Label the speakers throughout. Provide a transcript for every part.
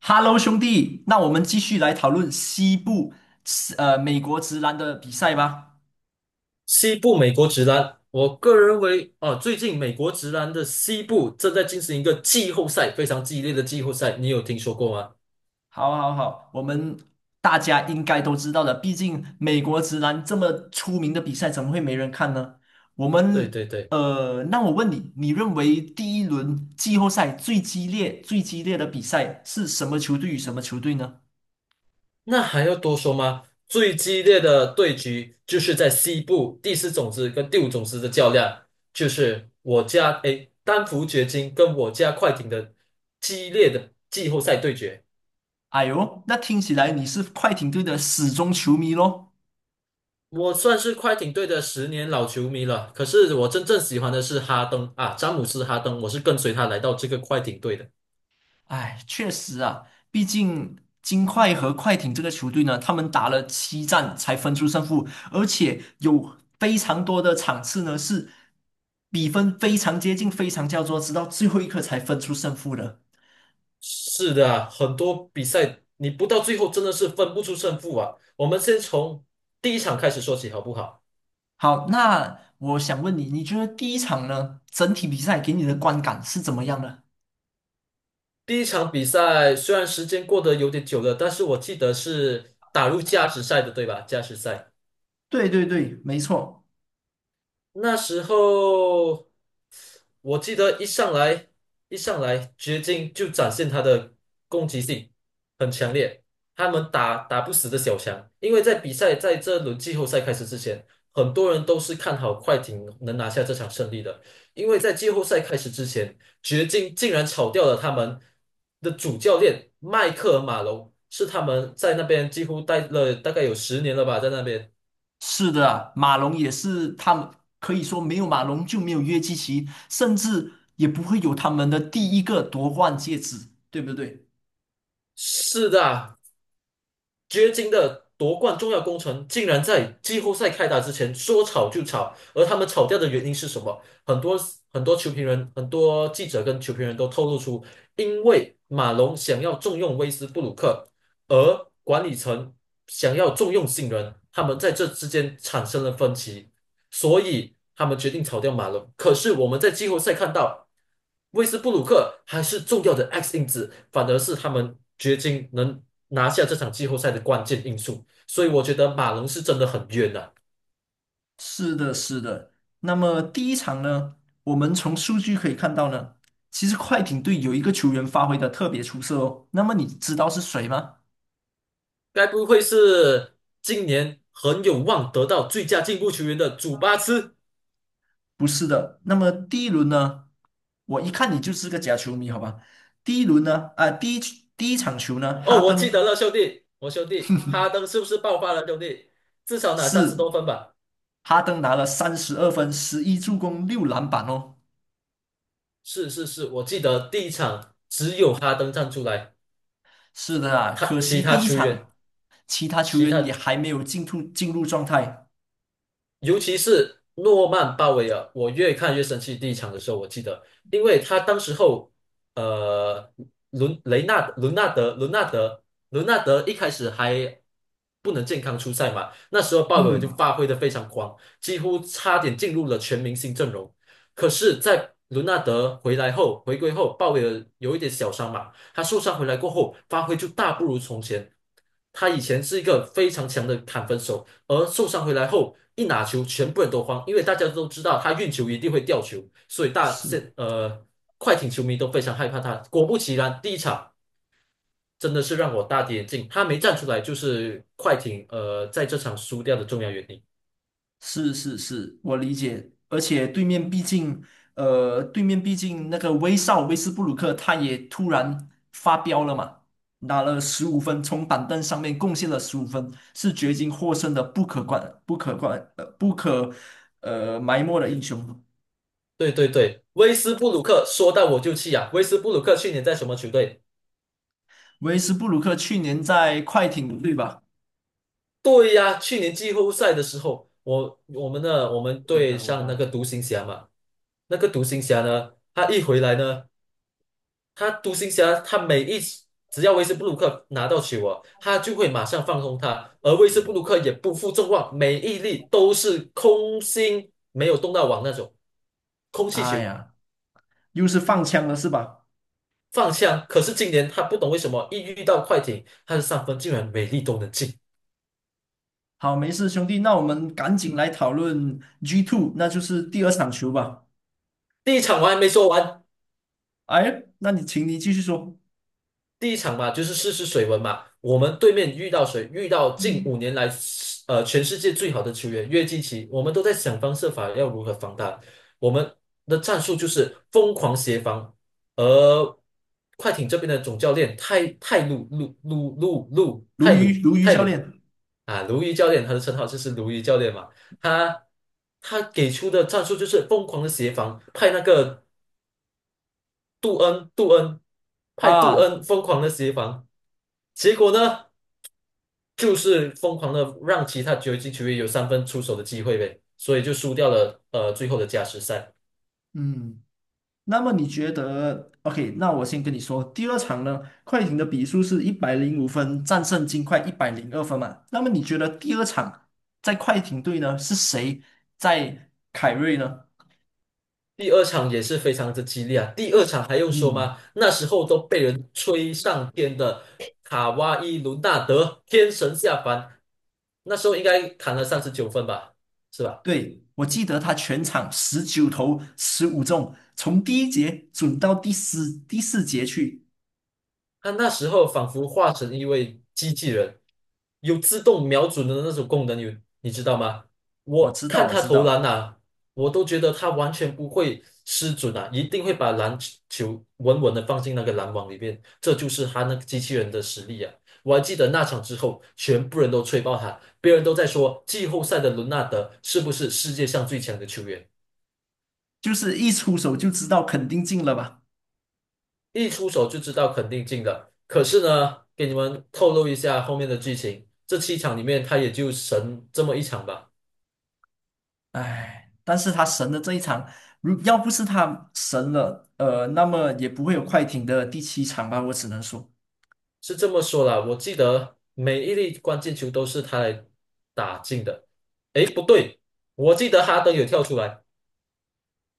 Speaker 1: Hello，兄弟，那我们继续来讨论西部，美国直男的比赛吧。
Speaker 2: 西部美国直男，我个人认为啊，最近美国直男的西部正在进行一个季后赛，非常激烈的季后赛，你有听说过吗？
Speaker 1: 好，好，好，我们大家应该都知道的，毕竟美国直男这么出名的比赛，怎么会没人看呢？我
Speaker 2: 对
Speaker 1: 们，
Speaker 2: 对对。
Speaker 1: 那我问你，你认为第一轮季后赛最激烈的比赛是什么球队与什么球队呢？
Speaker 2: 那还要多说吗？最激烈的对局就是在西部第四种子跟第五种子的较量，就是我家丹佛掘金跟我家快艇的激烈的季后赛对决。
Speaker 1: 哎呦，那听起来你是快艇队的死忠球迷喽。
Speaker 2: 我算是快艇队的十年老球迷了，可是我真正喜欢的是哈登啊，詹姆斯哈登，我是跟随他来到这个快艇队的。
Speaker 1: 哎，确实啊，毕竟金块和快艇这个球队呢，他们打了7战才分出胜负，而且有非常多的场次呢是比分非常接近、非常焦灼，直到最后一刻才分出胜负的。
Speaker 2: 是的啊，很多比赛你不到最后真的是分不出胜负啊。我们先从第一场开始说起好不好？
Speaker 1: 好，那我想问你，你觉得第一场呢，整体比赛给你的观感是怎么样的？
Speaker 2: 第一场比赛虽然时间过得有点久了，但是我记得是打入加时赛的，对吧？加时赛。
Speaker 1: 对对对，没错。
Speaker 2: 那时候我记得一上来掘金就展现他的攻击性很强烈，他们打不死的小强，因为在比赛在这轮季后赛开始之前，很多人都是看好快艇能拿下这场胜利的。因为在季后赛开始之前，掘金竟然炒掉了他们的主教练迈克尔马龙，是他们在那边几乎待了大概有十年了吧，在那边。
Speaker 1: 是的，马龙也是他们可以说没有马龙就没有约基奇，甚至也不会有他们的第一个夺冠戒指，对不对？
Speaker 2: 是的，掘金的夺冠重要工程竟然在季后赛开打之前说炒就炒，而他们炒掉的原因是什么？很多球评人、很多记者跟球评人都透露出，因为马龙想要重用威斯布鲁克，而管理层想要重用新人，他们在这之间产生了分歧。所以他们决定炒掉马龙。可是我们在季后赛看到，威斯布鲁克还是重要的 X 因子，反而是他们掘金能拿下这场季后赛的关键因素。所以我觉得马龙是真的很冤呐！
Speaker 1: 是的，是的。那么第一场呢，我们从数据可以看到呢，其实快艇队有一个球员发挥的特别出色哦。那么你知道是谁吗？
Speaker 2: 该不会是今年很有望得到最佳进步球员的祖巴茨？
Speaker 1: 不是的。那么第一轮呢，我一看你就是个假球迷，好吧？第一轮呢，第一场球呢，
Speaker 2: 哦，我记得了，兄弟，我兄弟哈登是不是爆发了，兄弟？至少拿三十多
Speaker 1: 是
Speaker 2: 分吧。
Speaker 1: 哈登拿了32分、11助攻、6篮板哦。
Speaker 2: 是是是，我记得第一场只有哈登站出来，
Speaker 1: 是的啊，
Speaker 2: 他
Speaker 1: 可
Speaker 2: 其
Speaker 1: 惜
Speaker 2: 他
Speaker 1: 第一
Speaker 2: 球员
Speaker 1: 场其他球
Speaker 2: 其
Speaker 1: 员也
Speaker 2: 他，
Speaker 1: 还没有进入状态。
Speaker 2: 尤其是诺曼鲍威尔，我越看越生气。第一场的时候，我记得，因为他当时候，呃，伦雷纳伦纳德伦纳德伦纳德一开始还不能健康出赛嘛，那时候鲍威尔
Speaker 1: 嗯，
Speaker 2: 就
Speaker 1: 啊
Speaker 2: 发挥的非常狂，几乎差点进入了全明星阵容。可是，在伦纳德回来后，回归后，鲍威尔有一点小伤嘛，他受伤回来过后，发挥就大不如从前。他以前是一个非常强的砍分手。而受伤回来后，一拿球，全部人都慌，因为大家都知道他运球一定会掉球，所以
Speaker 1: 是
Speaker 2: 快艇球迷都非常害怕他。果不其然，第一场真的是让我大跌眼镜，他没站出来就是快艇在这场输掉的重要原因。
Speaker 1: 是是是，我理解。而且对面毕竟，呃，对面毕竟那个威少威斯布鲁克他也突然发飙了嘛，拿了十五分，从板凳上面贡献了十五分，是掘金获胜的不可观、不可观、呃、不可呃埋没的英雄。
Speaker 2: 对对对，威斯布鲁克说到我就气啊！威斯布鲁克去年在什么球队？
Speaker 1: 维斯布鲁克去年在快艇，对吧？
Speaker 2: 对呀，去年季后赛的时候，我们对上那个
Speaker 1: 开
Speaker 2: 独行侠嘛。那个独行侠呢，他一回来呢，他独行侠，他每一次只要威斯布鲁克拿到球啊，他就会马上放空他，而威斯布鲁克也不负众望，每一粒都是空心，没有动到网那种空气
Speaker 1: 哎
Speaker 2: 球，
Speaker 1: 呀，又是放枪了是吧？
Speaker 2: 放枪。可是今年他不懂为什么一遇到快艇，他的三分竟然每粒都能进。
Speaker 1: 好，没事，兄弟，那我们赶紧来讨论 G2,那就是第二场球吧。
Speaker 2: 第一场我还没说完。
Speaker 1: 哎，那你请你继续说，
Speaker 2: 第一场嘛，就是试试水温嘛。我们对面遇到谁？遇到近5年来，全世界最好的球员约基奇，我们都在想方设法要如何防他。我们的战术就是疯狂协防，而快艇这边的总教练泰泰鲁鲁鲁鲁鲁
Speaker 1: 鲈
Speaker 2: 泰
Speaker 1: 鱼，
Speaker 2: 鲁
Speaker 1: 鲈鱼
Speaker 2: 泰
Speaker 1: 教
Speaker 2: 鲁
Speaker 1: 练
Speaker 2: 啊，鲈鱼教练，他的称号就是鲈鱼教练嘛。他他给出的战术就是疯狂的协防，派那个杜恩，杜恩派杜
Speaker 1: 啊，
Speaker 2: 恩疯狂的协防。结果呢，就是疯狂的让其他九级球员有三分出手的机会呗，所以就输掉了最后的加时赛。
Speaker 1: 嗯，那么你觉得？OK,那我先跟你说，第二场呢，快艇的比数是105分，战胜金块102分嘛。那么你觉得第二场在快艇队呢，是谁在凯瑞呢？
Speaker 2: 第二场也是非常之激烈啊，第二场还用说
Speaker 1: 嗯。
Speaker 2: 吗？那时候都被人吹上天的卡哇伊·伦纳德天神下凡，那时候应该砍了39分吧，是吧？
Speaker 1: 对，我记得他全场19投15中，从第一节准到第四节去。
Speaker 2: 他那时候仿佛化成一位机器人，有自动瞄准的那种功能，有，你知道吗？
Speaker 1: 我
Speaker 2: 我
Speaker 1: 知道，
Speaker 2: 看
Speaker 1: 我
Speaker 2: 他
Speaker 1: 知
Speaker 2: 投篮
Speaker 1: 道，
Speaker 2: 啊，我都觉得他完全不会失准啊，一定会把篮球稳稳的放进那个篮网里面。这就是他那个机器人的实力啊！我还记得那场之后，全部人都吹爆他，别人都在说季后赛的伦纳德是不是世界上最强的球员。
Speaker 1: 就是一出手就知道肯定进了吧？
Speaker 2: 一出手就知道肯定进的。可是呢，给你们透露一下后面的剧情，这7场里面他也就神这么一场吧，
Speaker 1: 唉，但是他神的这一场，如要不是他神了，那么也不会有快艇的第七场吧？我只能说，
Speaker 2: 是这么说啦。我记得每一粒关键球都是他来打进的。诶，不对，我记得哈登有跳出来，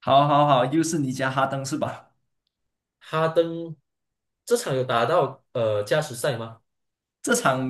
Speaker 1: 好，好，好，又是你家哈登是吧？
Speaker 2: 哈登这场有打到加时赛吗？
Speaker 1: 这场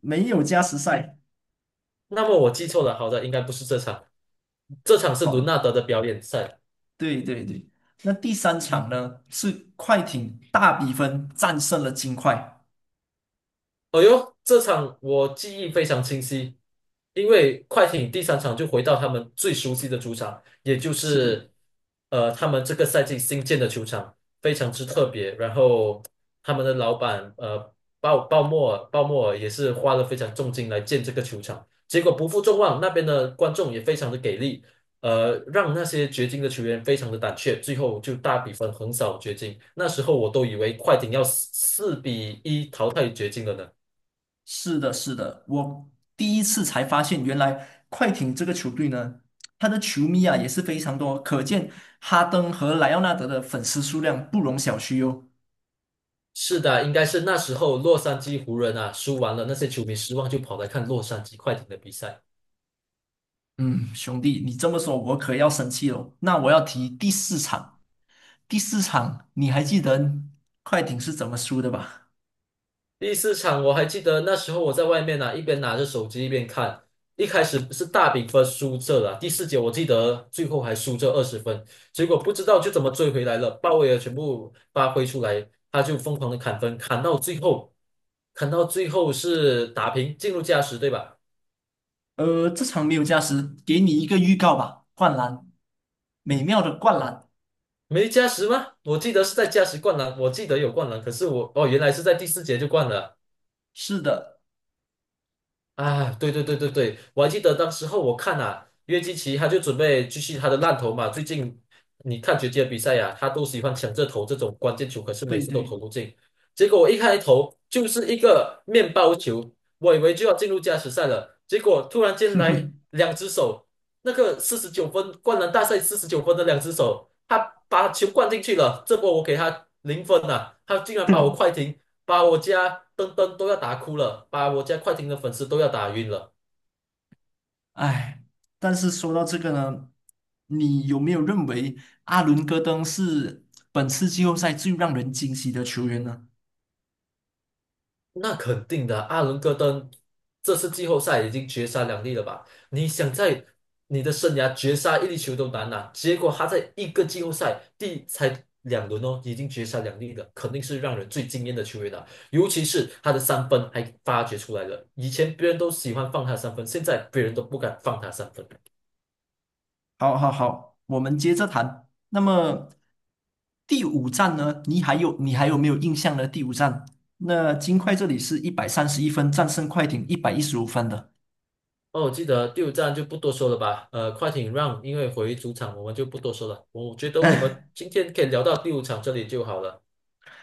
Speaker 1: 没有加时赛，
Speaker 2: 那么我记错了，好的，应该不是这场，这场是伦
Speaker 1: 好，
Speaker 2: 纳德的表演赛。
Speaker 1: 对对对。那第三场呢，是快艇大比分战胜了金块。
Speaker 2: 哦哟，这场我记忆非常清晰，因为快艇第三场就回到他们最熟悉的主场，也就
Speaker 1: 是
Speaker 2: 是他们这个赛季新建的球场，非常之特别。然后他们的老板鲍莫尔也是花了非常重金来建这个球场，结果不负众望，那边的观众也非常的给力，让那些掘金的球员非常的胆怯，最后就大比分横扫掘金。那时候我都以为快艇要四比一淘汰掘金了呢。
Speaker 1: 是的，是的，我第一次才发现，原来快艇这个球队呢，他的球迷啊也是非常多，可见哈登和莱昂纳德的粉丝数量不容小觑哦。
Speaker 2: 是的，应该是那时候洛杉矶湖人啊输完了，那些球迷失望就跑来看洛杉矶快艇的比赛。
Speaker 1: 嗯，兄弟，你这么说，我可要生气了。那我要提第四场，第四场你还记得快艇是怎么输的吧？
Speaker 2: 第四场我还记得那时候我在外面啊，一边拿着手机一边看，一开始是大比分输这了，第四节我记得最后还输这20分，结果不知道就怎么追回来了，鲍威尔全部发挥出来，他就疯狂的砍分，砍到最后是打平进入加时，对吧？
Speaker 1: 这场没有加时，给你一个预告吧，灌篮，美妙的灌篮。
Speaker 2: 没加时吗？我记得是在加时灌篮，我记得有灌篮，可是我哦原来是在第四节就灌了。
Speaker 1: 是的，
Speaker 2: 啊，对对对对对，我还记得当时候我看啊，约基奇他就准备继续他的烂投嘛。最近你看决的比赛呀、他都喜欢抢着投这种关键球，可是每
Speaker 1: 对
Speaker 2: 次都
Speaker 1: 对。
Speaker 2: 投不进。结果我一开头就是一个面包球，我以为就要进入加时赛了，结果突然间来 两只手，那个四十九分灌篮大赛四十九分的两只手，他把球灌进去了，这波我给他零分了，他竟然把我快艇，把我家登登都要打哭了，把我家快艇的粉丝都要打晕了。
Speaker 1: 哎，但是说到这个呢，你有没有认为阿伦戈登是本次季后赛最让人惊喜的球员呢？
Speaker 2: 那肯定的，阿伦戈登这次季后赛已经绝杀两粒了吧？你想在你的生涯绝杀一粒球都难呐、结果他在一个季后赛第才两轮哦，已经绝杀两粒了，肯定是让人最惊艳的球员了。尤其是他的三分还发掘出来了，以前别人都喜欢放他三分，现在别人都不敢放他三分。
Speaker 1: 好，好，好，我们接着谈。那么第五站呢？你还有没有印象呢？第五站，那金块这里是131分战胜快艇115分的。
Speaker 2: 哦，我记得第五站就不多说了吧。快艇让，因为回主场我们就不多说了。我觉得我们今天可以聊到第五场这里就好了。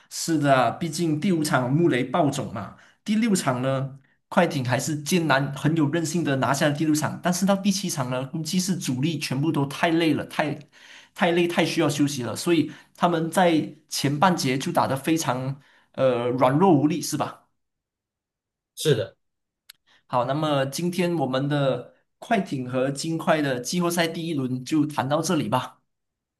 Speaker 1: 是的啊，毕竟第五场穆雷爆种嘛，第六场呢，快艇还是艰难很有韧性的拿下了第六场，但是到第七场呢，估计是主力全部都太累了，太累，太需要休息了，所以他们在前半节就打得非常软弱无力，是吧？
Speaker 2: 是的。
Speaker 1: 好，那么今天我们的快艇和金块的季后赛第一轮就谈到这里吧。